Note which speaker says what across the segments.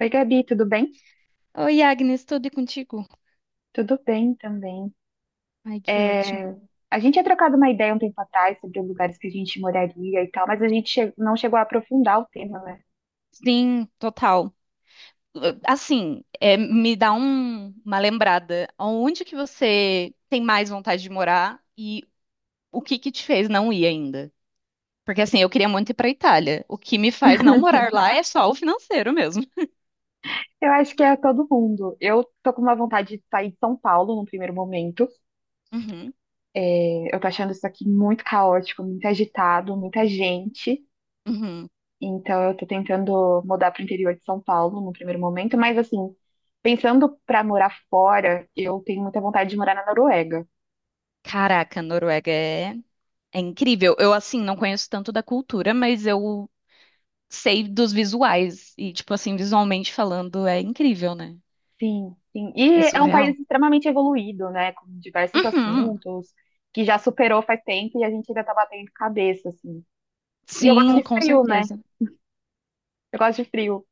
Speaker 1: Oi, Gabi, tudo bem?
Speaker 2: Oi, Agnes, tudo e contigo?
Speaker 1: Tudo bem também.
Speaker 2: Ai, que
Speaker 1: É,
Speaker 2: ótimo.
Speaker 1: a gente tinha trocado uma ideia um tempo atrás sobre os lugares que a gente moraria e tal, mas não chegou a aprofundar o tema, né?
Speaker 2: Sim, total. Assim, é, me dá uma lembrada. Onde que você tem mais vontade de morar e o que que te fez não ir ainda? Porque assim, eu queria muito ir para Itália. O que me faz não morar lá é só o financeiro mesmo.
Speaker 1: Eu acho que é todo mundo. Eu tô com uma vontade de sair de São Paulo no primeiro momento.
Speaker 2: Uhum,
Speaker 1: É, eu tô achando isso aqui muito caótico, muito agitado, muita gente.
Speaker 2: uhum.
Speaker 1: Então eu tô tentando mudar para o interior de São Paulo no primeiro momento, mas assim, pensando para morar fora, eu tenho muita vontade de morar na Noruega.
Speaker 2: Caraca, Noruega é incrível. Eu, assim, não conheço tanto da cultura, mas eu sei dos visuais. E, tipo assim, visualmente falando, é incrível, né?
Speaker 1: Sim, sim.
Speaker 2: É
Speaker 1: E é um
Speaker 2: surreal.
Speaker 1: país extremamente evoluído, né? Com diversos
Speaker 2: Uhum.
Speaker 1: assuntos, que já superou faz tempo e a gente ainda tá batendo cabeça, assim. E eu gosto
Speaker 2: Sim,
Speaker 1: de
Speaker 2: com
Speaker 1: frio, né?
Speaker 2: certeza.
Speaker 1: Eu gosto de frio.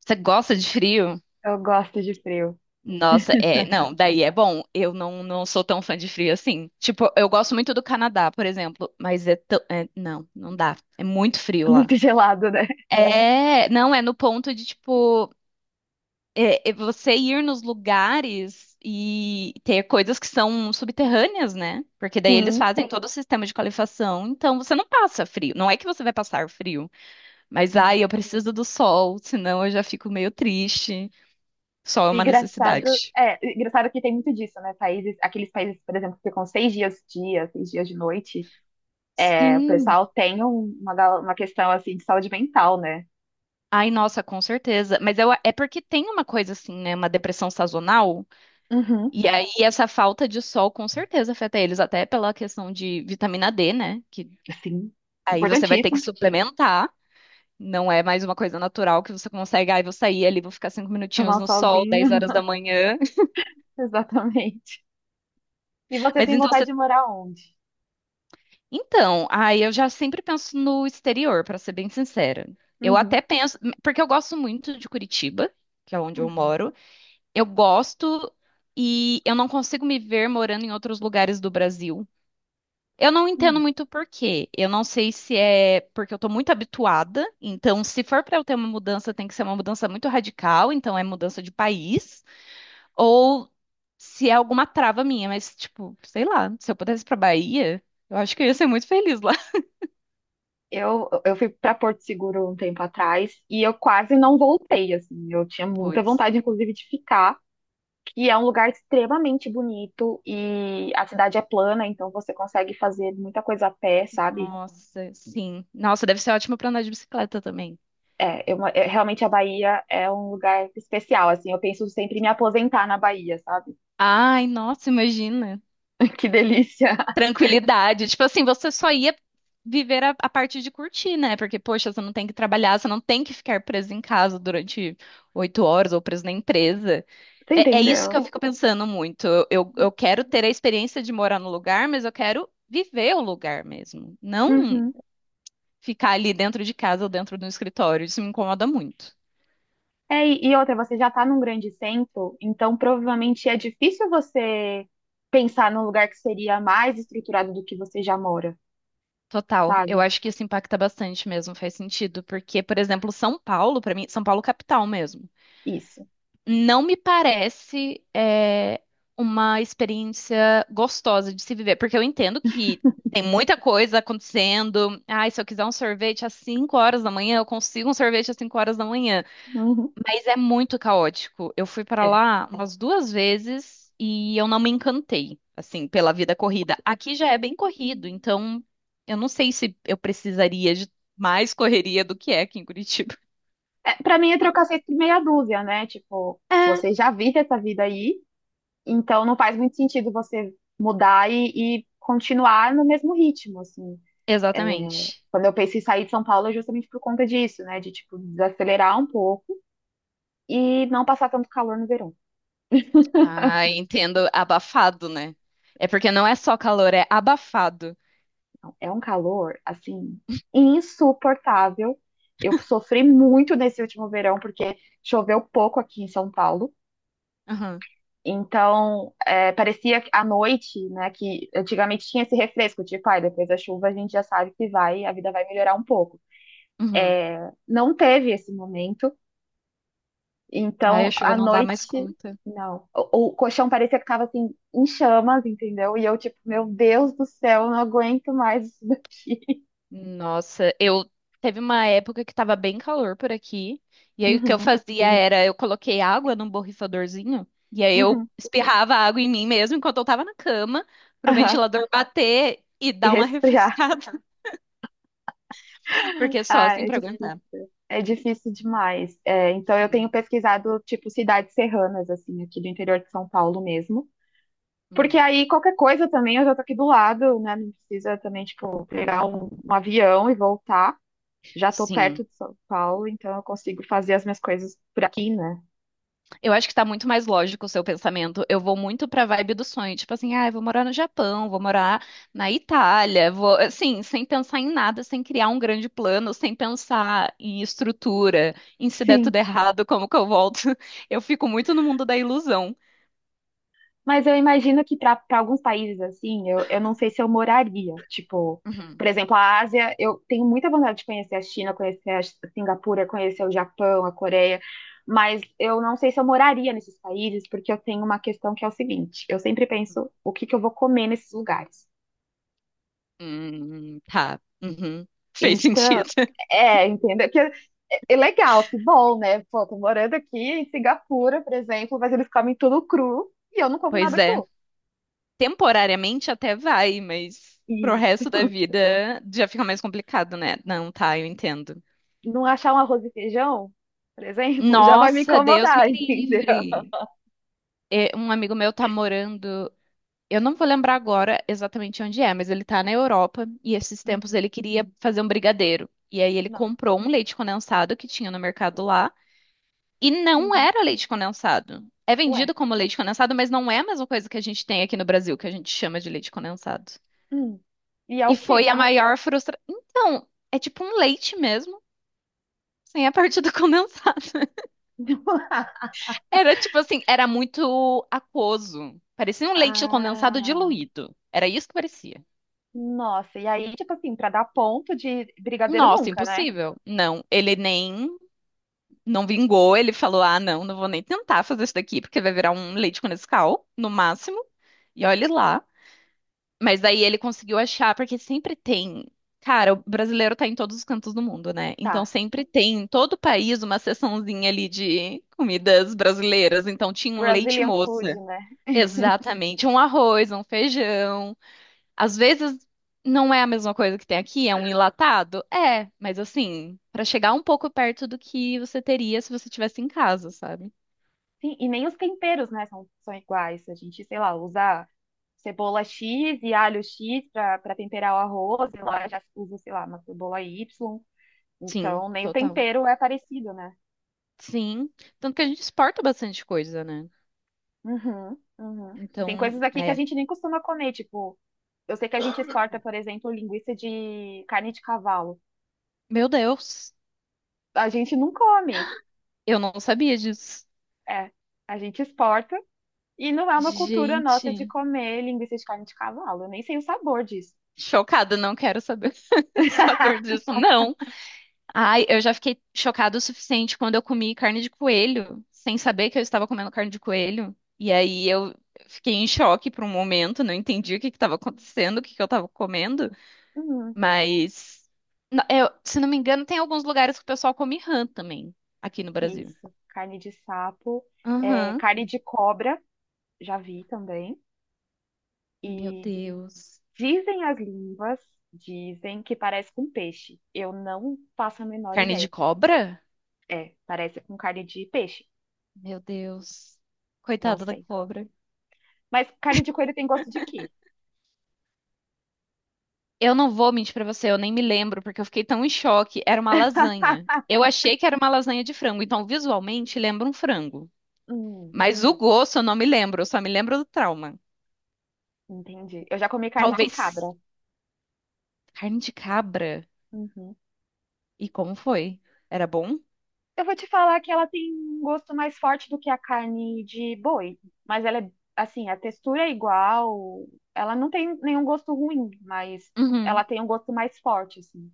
Speaker 2: Você gosta de frio?
Speaker 1: Eu gosto de frio.
Speaker 2: Nossa, é, não, daí é bom. Eu não sou tão fã de frio assim. Tipo, eu gosto muito do Canadá, por exemplo, mas é tão, não, não dá. É muito frio lá.
Speaker 1: Muito gelado, né?
Speaker 2: É, não, é no ponto de, tipo, é você ir nos lugares e ter coisas que são subterrâneas, né? Porque daí eles
Speaker 1: Sim.
Speaker 2: fazem todo o sistema de qualificação, então você não passa frio. Não é que você vai passar frio. Mas
Speaker 1: sim.
Speaker 2: ai, eu preciso do sol, senão eu já fico meio triste. Sol é
Speaker 1: E
Speaker 2: uma
Speaker 1: engraçado,
Speaker 2: necessidade.
Speaker 1: engraçado que tem muito disso, né? Países, aqueles países, por exemplo, que ficam seis dias de dia, seis dias de noite, é, o
Speaker 2: Sim.
Speaker 1: pessoal tem uma questão, assim, de saúde mental, né?
Speaker 2: Ai, nossa, com certeza. Mas eu, é porque tem uma coisa assim, né? Uma depressão sazonal.
Speaker 1: Uhum.
Speaker 2: E aí, essa falta de sol com certeza afeta eles, até pela questão de vitamina D, né? Que
Speaker 1: Sim.
Speaker 2: aí você vai ter que
Speaker 1: Importantíssimo.
Speaker 2: suplementar. Não é mais uma coisa natural que você consegue. Ai, vou sair ali, vou ficar cinco
Speaker 1: Tomar
Speaker 2: minutinhos
Speaker 1: um
Speaker 2: no sol, 10
Speaker 1: solzinho.
Speaker 2: horas da manhã.
Speaker 1: Exatamente. E você
Speaker 2: Mas
Speaker 1: tem
Speaker 2: então
Speaker 1: vontade
Speaker 2: você
Speaker 1: de morar onde?
Speaker 2: Então, aí eu já sempre penso no exterior, pra ser bem sincera. Eu
Speaker 1: Uhum,
Speaker 2: até penso, porque eu gosto muito de Curitiba, que é onde eu
Speaker 1: uhum.
Speaker 2: moro. Eu gosto e eu não consigo me ver morando em outros lugares do Brasil. Eu não entendo
Speaker 1: Hum.
Speaker 2: muito por quê. Eu não sei se é porque eu tô muito habituada. Então, se for pra eu ter uma mudança, tem que ser uma mudança muito radical, então é mudança de país, ou se é alguma trava minha, mas tipo, sei lá, se eu pudesse ir pra Bahia, eu acho que eu ia ser muito feliz lá.
Speaker 1: Eu fui para Porto Seguro um tempo atrás e eu quase não voltei, assim. Eu tinha muita
Speaker 2: Putz.
Speaker 1: vontade, inclusive, de ficar, que é um lugar extremamente bonito e a cidade é plana, então você consegue fazer muita coisa a pé, sabe?
Speaker 2: Nossa, sim. Nossa, deve ser ótimo pra andar de bicicleta também.
Speaker 1: Realmente a Bahia é um lugar especial, assim. Eu penso sempre em me aposentar na Bahia, sabe?
Speaker 2: Ai, nossa, imagina.
Speaker 1: Que delícia!
Speaker 2: Tranquilidade. Tipo assim, você só ia viver a parte de curtir, né? Porque, poxa, você não tem que trabalhar, você não tem que ficar preso em casa durante 8 horas ou preso na empresa.
Speaker 1: Você
Speaker 2: É, é isso que
Speaker 1: entendeu?
Speaker 2: eu fico pensando muito. Eu quero ter a experiência de morar no lugar, mas eu quero viver o lugar mesmo. Não
Speaker 1: Uhum.
Speaker 2: ficar ali dentro de casa ou dentro do escritório. Isso me incomoda muito.
Speaker 1: É, e outra, você já está num grande centro, então provavelmente é difícil você pensar num lugar que seria mais estruturado do que você já mora,
Speaker 2: Total. Eu
Speaker 1: sabe?
Speaker 2: acho que isso impacta bastante mesmo, faz sentido, porque, por exemplo, São Paulo, pra mim, São Paulo capital mesmo,
Speaker 1: Isso.
Speaker 2: não me parece uma experiência gostosa de se viver, porque eu entendo que tem muita coisa acontecendo. Ai, se eu quiser um sorvete às 5 horas da manhã, eu consigo um sorvete às 5 horas da manhã.
Speaker 1: Uhum,
Speaker 2: Mas é muito caótico. Eu fui pra
Speaker 1: É.
Speaker 2: lá umas duas vezes e eu não me encantei, assim, pela vida corrida. Aqui já é bem corrido, então eu não sei se eu precisaria de mais correria do que é aqui em Curitiba.
Speaker 1: É, para mim é trocar seis por meia dúzia, né? Tipo,
Speaker 2: É.
Speaker 1: você já vive essa vida aí, então não faz muito sentido você mudar e continuar no mesmo ritmo, assim.
Speaker 2: Exatamente.
Speaker 1: Quando eu penso em sair de São Paulo é justamente por conta disso, né? De, tipo, desacelerar um pouco e não passar tanto calor no verão.
Speaker 2: Ah, entendo. Abafado, né? É porque não é só calor, é abafado.
Speaker 1: É um calor, assim, insuportável. Eu sofri muito nesse último verão, porque choveu pouco aqui em São Paulo.
Speaker 2: Aham,
Speaker 1: Então, é, parecia que à noite, né, que antigamente tinha esse refresco, tipo, ai, depois da chuva a gente já sabe que vai, a vida vai melhorar um pouco.
Speaker 2: uhum.
Speaker 1: Não teve esse momento,
Speaker 2: Aí a
Speaker 1: então
Speaker 2: chuva
Speaker 1: à
Speaker 2: não dá mais
Speaker 1: noite,
Speaker 2: conta.
Speaker 1: não. O colchão parecia que estava assim, em chamas, entendeu? E eu, tipo, meu Deus do céu, eu não aguento mais isso daqui.
Speaker 2: Nossa, eu teve uma época que tava bem calor por aqui, e aí o que eu
Speaker 1: Uhum,
Speaker 2: fazia era eu coloquei água num borrifadorzinho, e aí eu
Speaker 1: uhum,
Speaker 2: espirrava água em mim mesmo enquanto eu tava na cama, pro
Speaker 1: aham.
Speaker 2: ventilador bater e
Speaker 1: E
Speaker 2: dar uma
Speaker 1: resfriar.
Speaker 2: refrescada, porque só
Speaker 1: Ah,
Speaker 2: assim pra aguentar.
Speaker 1: é difícil demais. É, então eu tenho
Speaker 2: Sim.
Speaker 1: pesquisado tipo cidades serranas assim aqui do interior de São Paulo mesmo, porque
Speaker 2: Uhum.
Speaker 1: aí qualquer coisa também eu já tô aqui do lado, né? Não precisa também tipo pegar um avião e voltar. Já tô
Speaker 2: Sim.
Speaker 1: perto de São Paulo, então eu consigo fazer as minhas coisas por aqui, né?
Speaker 2: Eu acho que tá muito mais lógico o seu pensamento. Eu vou muito pra vibe do sonho, tipo assim, ah, eu vou morar no Japão, vou morar na Itália, vou, assim, sem pensar em nada, sem criar um grande plano, sem pensar em estrutura, em se der
Speaker 1: Sim.
Speaker 2: tudo errado, como que eu volto. Eu fico muito no mundo da ilusão.
Speaker 1: Mas eu imagino que para alguns países assim, eu não sei se eu moraria. Tipo,
Speaker 2: Uhum.
Speaker 1: por exemplo, a Ásia, eu tenho muita vontade de conhecer a China, conhecer a Singapura, conhecer o Japão, a Coreia, mas eu não sei se eu moraria nesses países, porque eu tenho uma questão que é o seguinte: eu sempre penso o que que eu vou comer nesses lugares.
Speaker 2: Tá. Uhum. Fez
Speaker 1: Então,
Speaker 2: sentido.
Speaker 1: é, entenda que é legal, que bom, né? Pô, tô morando aqui em Singapura, por exemplo, mas eles comem tudo cru e eu não como
Speaker 2: Pois
Speaker 1: nada
Speaker 2: é.
Speaker 1: cru.
Speaker 2: Temporariamente até vai, mas pro resto da vida já fica mais complicado, né? Não, tá, eu entendo.
Speaker 1: Não achar um arroz e feijão, por exemplo, já vai me
Speaker 2: Nossa, Deus me
Speaker 1: incomodar, entendeu?
Speaker 2: livre. É, um amigo meu tá morando, eu não vou lembrar agora exatamente onde é, mas ele tá na Europa e esses tempos
Speaker 1: Uhum.
Speaker 2: ele queria fazer um brigadeiro. E aí ele
Speaker 1: Nossa.
Speaker 2: comprou um leite condensado que tinha no mercado lá e não
Speaker 1: Uhum.
Speaker 2: era leite condensado. É
Speaker 1: Ué.
Speaker 2: vendido como leite condensado, mas não é a mesma coisa que a gente tem aqui no Brasil, que a gente chama de leite condensado.
Speaker 1: Hum. E é o
Speaker 2: E foi
Speaker 1: quê?
Speaker 2: a maior frustração. Então, é tipo um leite mesmo, sem a parte do condensado. Era tipo assim, era muito aquoso. Parecia um leite condensado
Speaker 1: Ah,
Speaker 2: diluído. Era isso que parecia.
Speaker 1: nossa. E aí, tipo assim, pra dar ponto de brigadeiro
Speaker 2: Nossa,
Speaker 1: nunca, né?
Speaker 2: impossível. Não, ele nem não vingou, ele falou: "Ah, não, não vou nem tentar fazer isso daqui, porque vai virar um leite com Nescau, no máximo". E olhe lá. Mas daí ele conseguiu achar, porque sempre tem. Cara, o brasileiro tá em todos os cantos do mundo, né? Então
Speaker 1: Tá.
Speaker 2: sempre tem em todo o país uma seçãozinha ali de comidas brasileiras. Então tinha um leite
Speaker 1: Brazilian food,
Speaker 2: moça.
Speaker 1: né?
Speaker 2: Exatamente, um arroz, um feijão. Às vezes não é a mesma coisa que tem aqui, é um enlatado? É, mas assim, para chegar um pouco perto do que você teria se você tivesse em casa, sabe?
Speaker 1: Sim, e nem os temperos, né, são, são iguais. A gente, sei lá, usa cebola X e alho X pra temperar o arroz, e lá já usa, sei lá, uma cebola Y.
Speaker 2: Sim,
Speaker 1: Então, nem o
Speaker 2: total.
Speaker 1: tempero é parecido, né?
Speaker 2: Sim, tanto que a gente exporta bastante coisa, né?
Speaker 1: Uhum, uhum. Tem coisas
Speaker 2: Então,
Speaker 1: aqui que a
Speaker 2: é,
Speaker 1: gente nem costuma comer, tipo, eu sei que a gente exporta, por exemplo, linguiça de carne de cavalo.
Speaker 2: meu Deus,
Speaker 1: A gente não come,
Speaker 2: eu não sabia disso.
Speaker 1: é, a gente exporta e não é uma cultura nossa de
Speaker 2: Gente,
Speaker 1: comer linguiça de carne de cavalo. Eu nem sei o sabor disso.
Speaker 2: chocada, não quero saber o sabor disso, não. Ai, eu já fiquei chocada o suficiente quando eu comi carne de coelho, sem saber que eu estava comendo carne de coelho. E aí eu fiquei em choque por um momento, não entendi o que que estava acontecendo, o que que eu estava comendo.
Speaker 1: Uhum,
Speaker 2: Mas, se não me engano, tem alguns lugares que o pessoal come rã também, aqui no Brasil.
Speaker 1: isso, carne de sapo, é,
Speaker 2: Aham.
Speaker 1: carne de cobra, já vi também.
Speaker 2: Meu
Speaker 1: E
Speaker 2: Deus.
Speaker 1: dizem as línguas, dizem que parece com peixe. Eu não faço a menor
Speaker 2: Carne de
Speaker 1: ideia.
Speaker 2: cobra?
Speaker 1: É, parece com carne de peixe.
Speaker 2: Meu Deus.
Speaker 1: Não
Speaker 2: Coitada da
Speaker 1: sei.
Speaker 2: cobra.
Speaker 1: Mas carne de coelho tem gosto de quê?
Speaker 2: Eu não vou mentir pra você, eu nem me lembro, porque eu fiquei tão em choque. Era uma lasanha. Eu achei que era uma lasanha de frango, então visualmente lembra um frango.
Speaker 1: Hum,
Speaker 2: Mas o gosto eu não me lembro, eu só me lembro do trauma.
Speaker 1: entendi. Eu já comi carne de
Speaker 2: Talvez
Speaker 1: cabra.
Speaker 2: carne de cabra.
Speaker 1: Uhum.
Speaker 2: E como foi? Era bom?
Speaker 1: Eu vou te falar que ela tem um gosto mais forte do que a carne de boi, mas ela é assim, a textura é igual, ela não tem nenhum gosto ruim, mas ela
Speaker 2: Uhum.
Speaker 1: tem um gosto mais forte assim.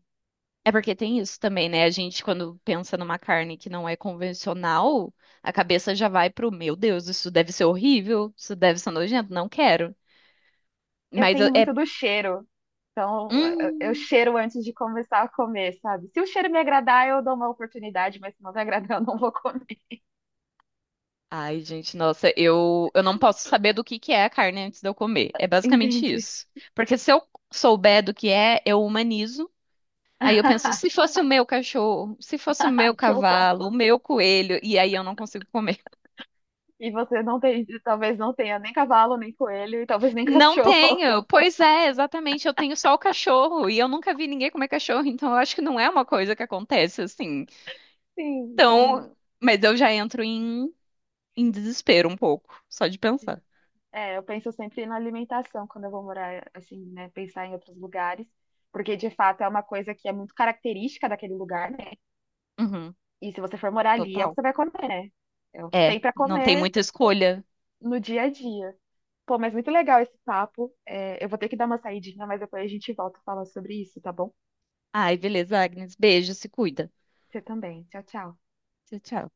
Speaker 2: É porque tem isso também, né? A gente, quando pensa numa carne que não é convencional, a cabeça já vai pro, meu Deus, isso deve ser horrível, isso deve ser nojento, não quero.
Speaker 1: Eu
Speaker 2: Mas
Speaker 1: tenho
Speaker 2: eu-
Speaker 1: muito
Speaker 2: é.
Speaker 1: do cheiro, então eu
Speaker 2: Hum.
Speaker 1: cheiro antes de começar a comer, sabe? Se o cheiro me agradar, eu dou uma oportunidade, mas se não me agradar, eu não vou comer.
Speaker 2: Ai, gente, nossa, eu não posso saber do que é a carne antes de eu comer. É basicamente
Speaker 1: Entendi.
Speaker 2: isso. Porque se eu souber do que é, eu humanizo. Aí eu penso, se fosse o meu cachorro, se fosse o meu
Speaker 1: Ai, que horror.
Speaker 2: cavalo, o meu coelho, e aí eu não consigo comer.
Speaker 1: E você não tem, talvez não tenha nem cavalo, nem coelho, e talvez nem
Speaker 2: Não
Speaker 1: cachorro.
Speaker 2: tenho. Pois é, exatamente. Eu tenho só o cachorro e eu nunca vi ninguém comer cachorro, então eu acho que não é uma coisa que acontece assim.
Speaker 1: Sim, sim.
Speaker 2: Então, mas eu já entro em, desespero um pouco, só de pensar.
Speaker 1: É, eu penso sempre na alimentação quando eu vou morar, assim, né? Pensar em outros lugares, porque de fato é uma coisa que é muito característica daquele lugar, né?
Speaker 2: Uhum,
Speaker 1: E se você for morar ali, é o que
Speaker 2: total.
Speaker 1: você vai comer, né? É o que
Speaker 2: É,
Speaker 1: tem pra
Speaker 2: não tem
Speaker 1: comer
Speaker 2: muita escolha.
Speaker 1: no dia a dia. Pô, mas muito legal esse papo. É, eu vou ter que dar uma saidinha, mas depois a gente volta a falar sobre isso, tá bom?
Speaker 2: Ai, beleza, Agnes. Beijo, se cuida.
Speaker 1: Você também. Tchau, tchau.
Speaker 2: Tchau, tchau.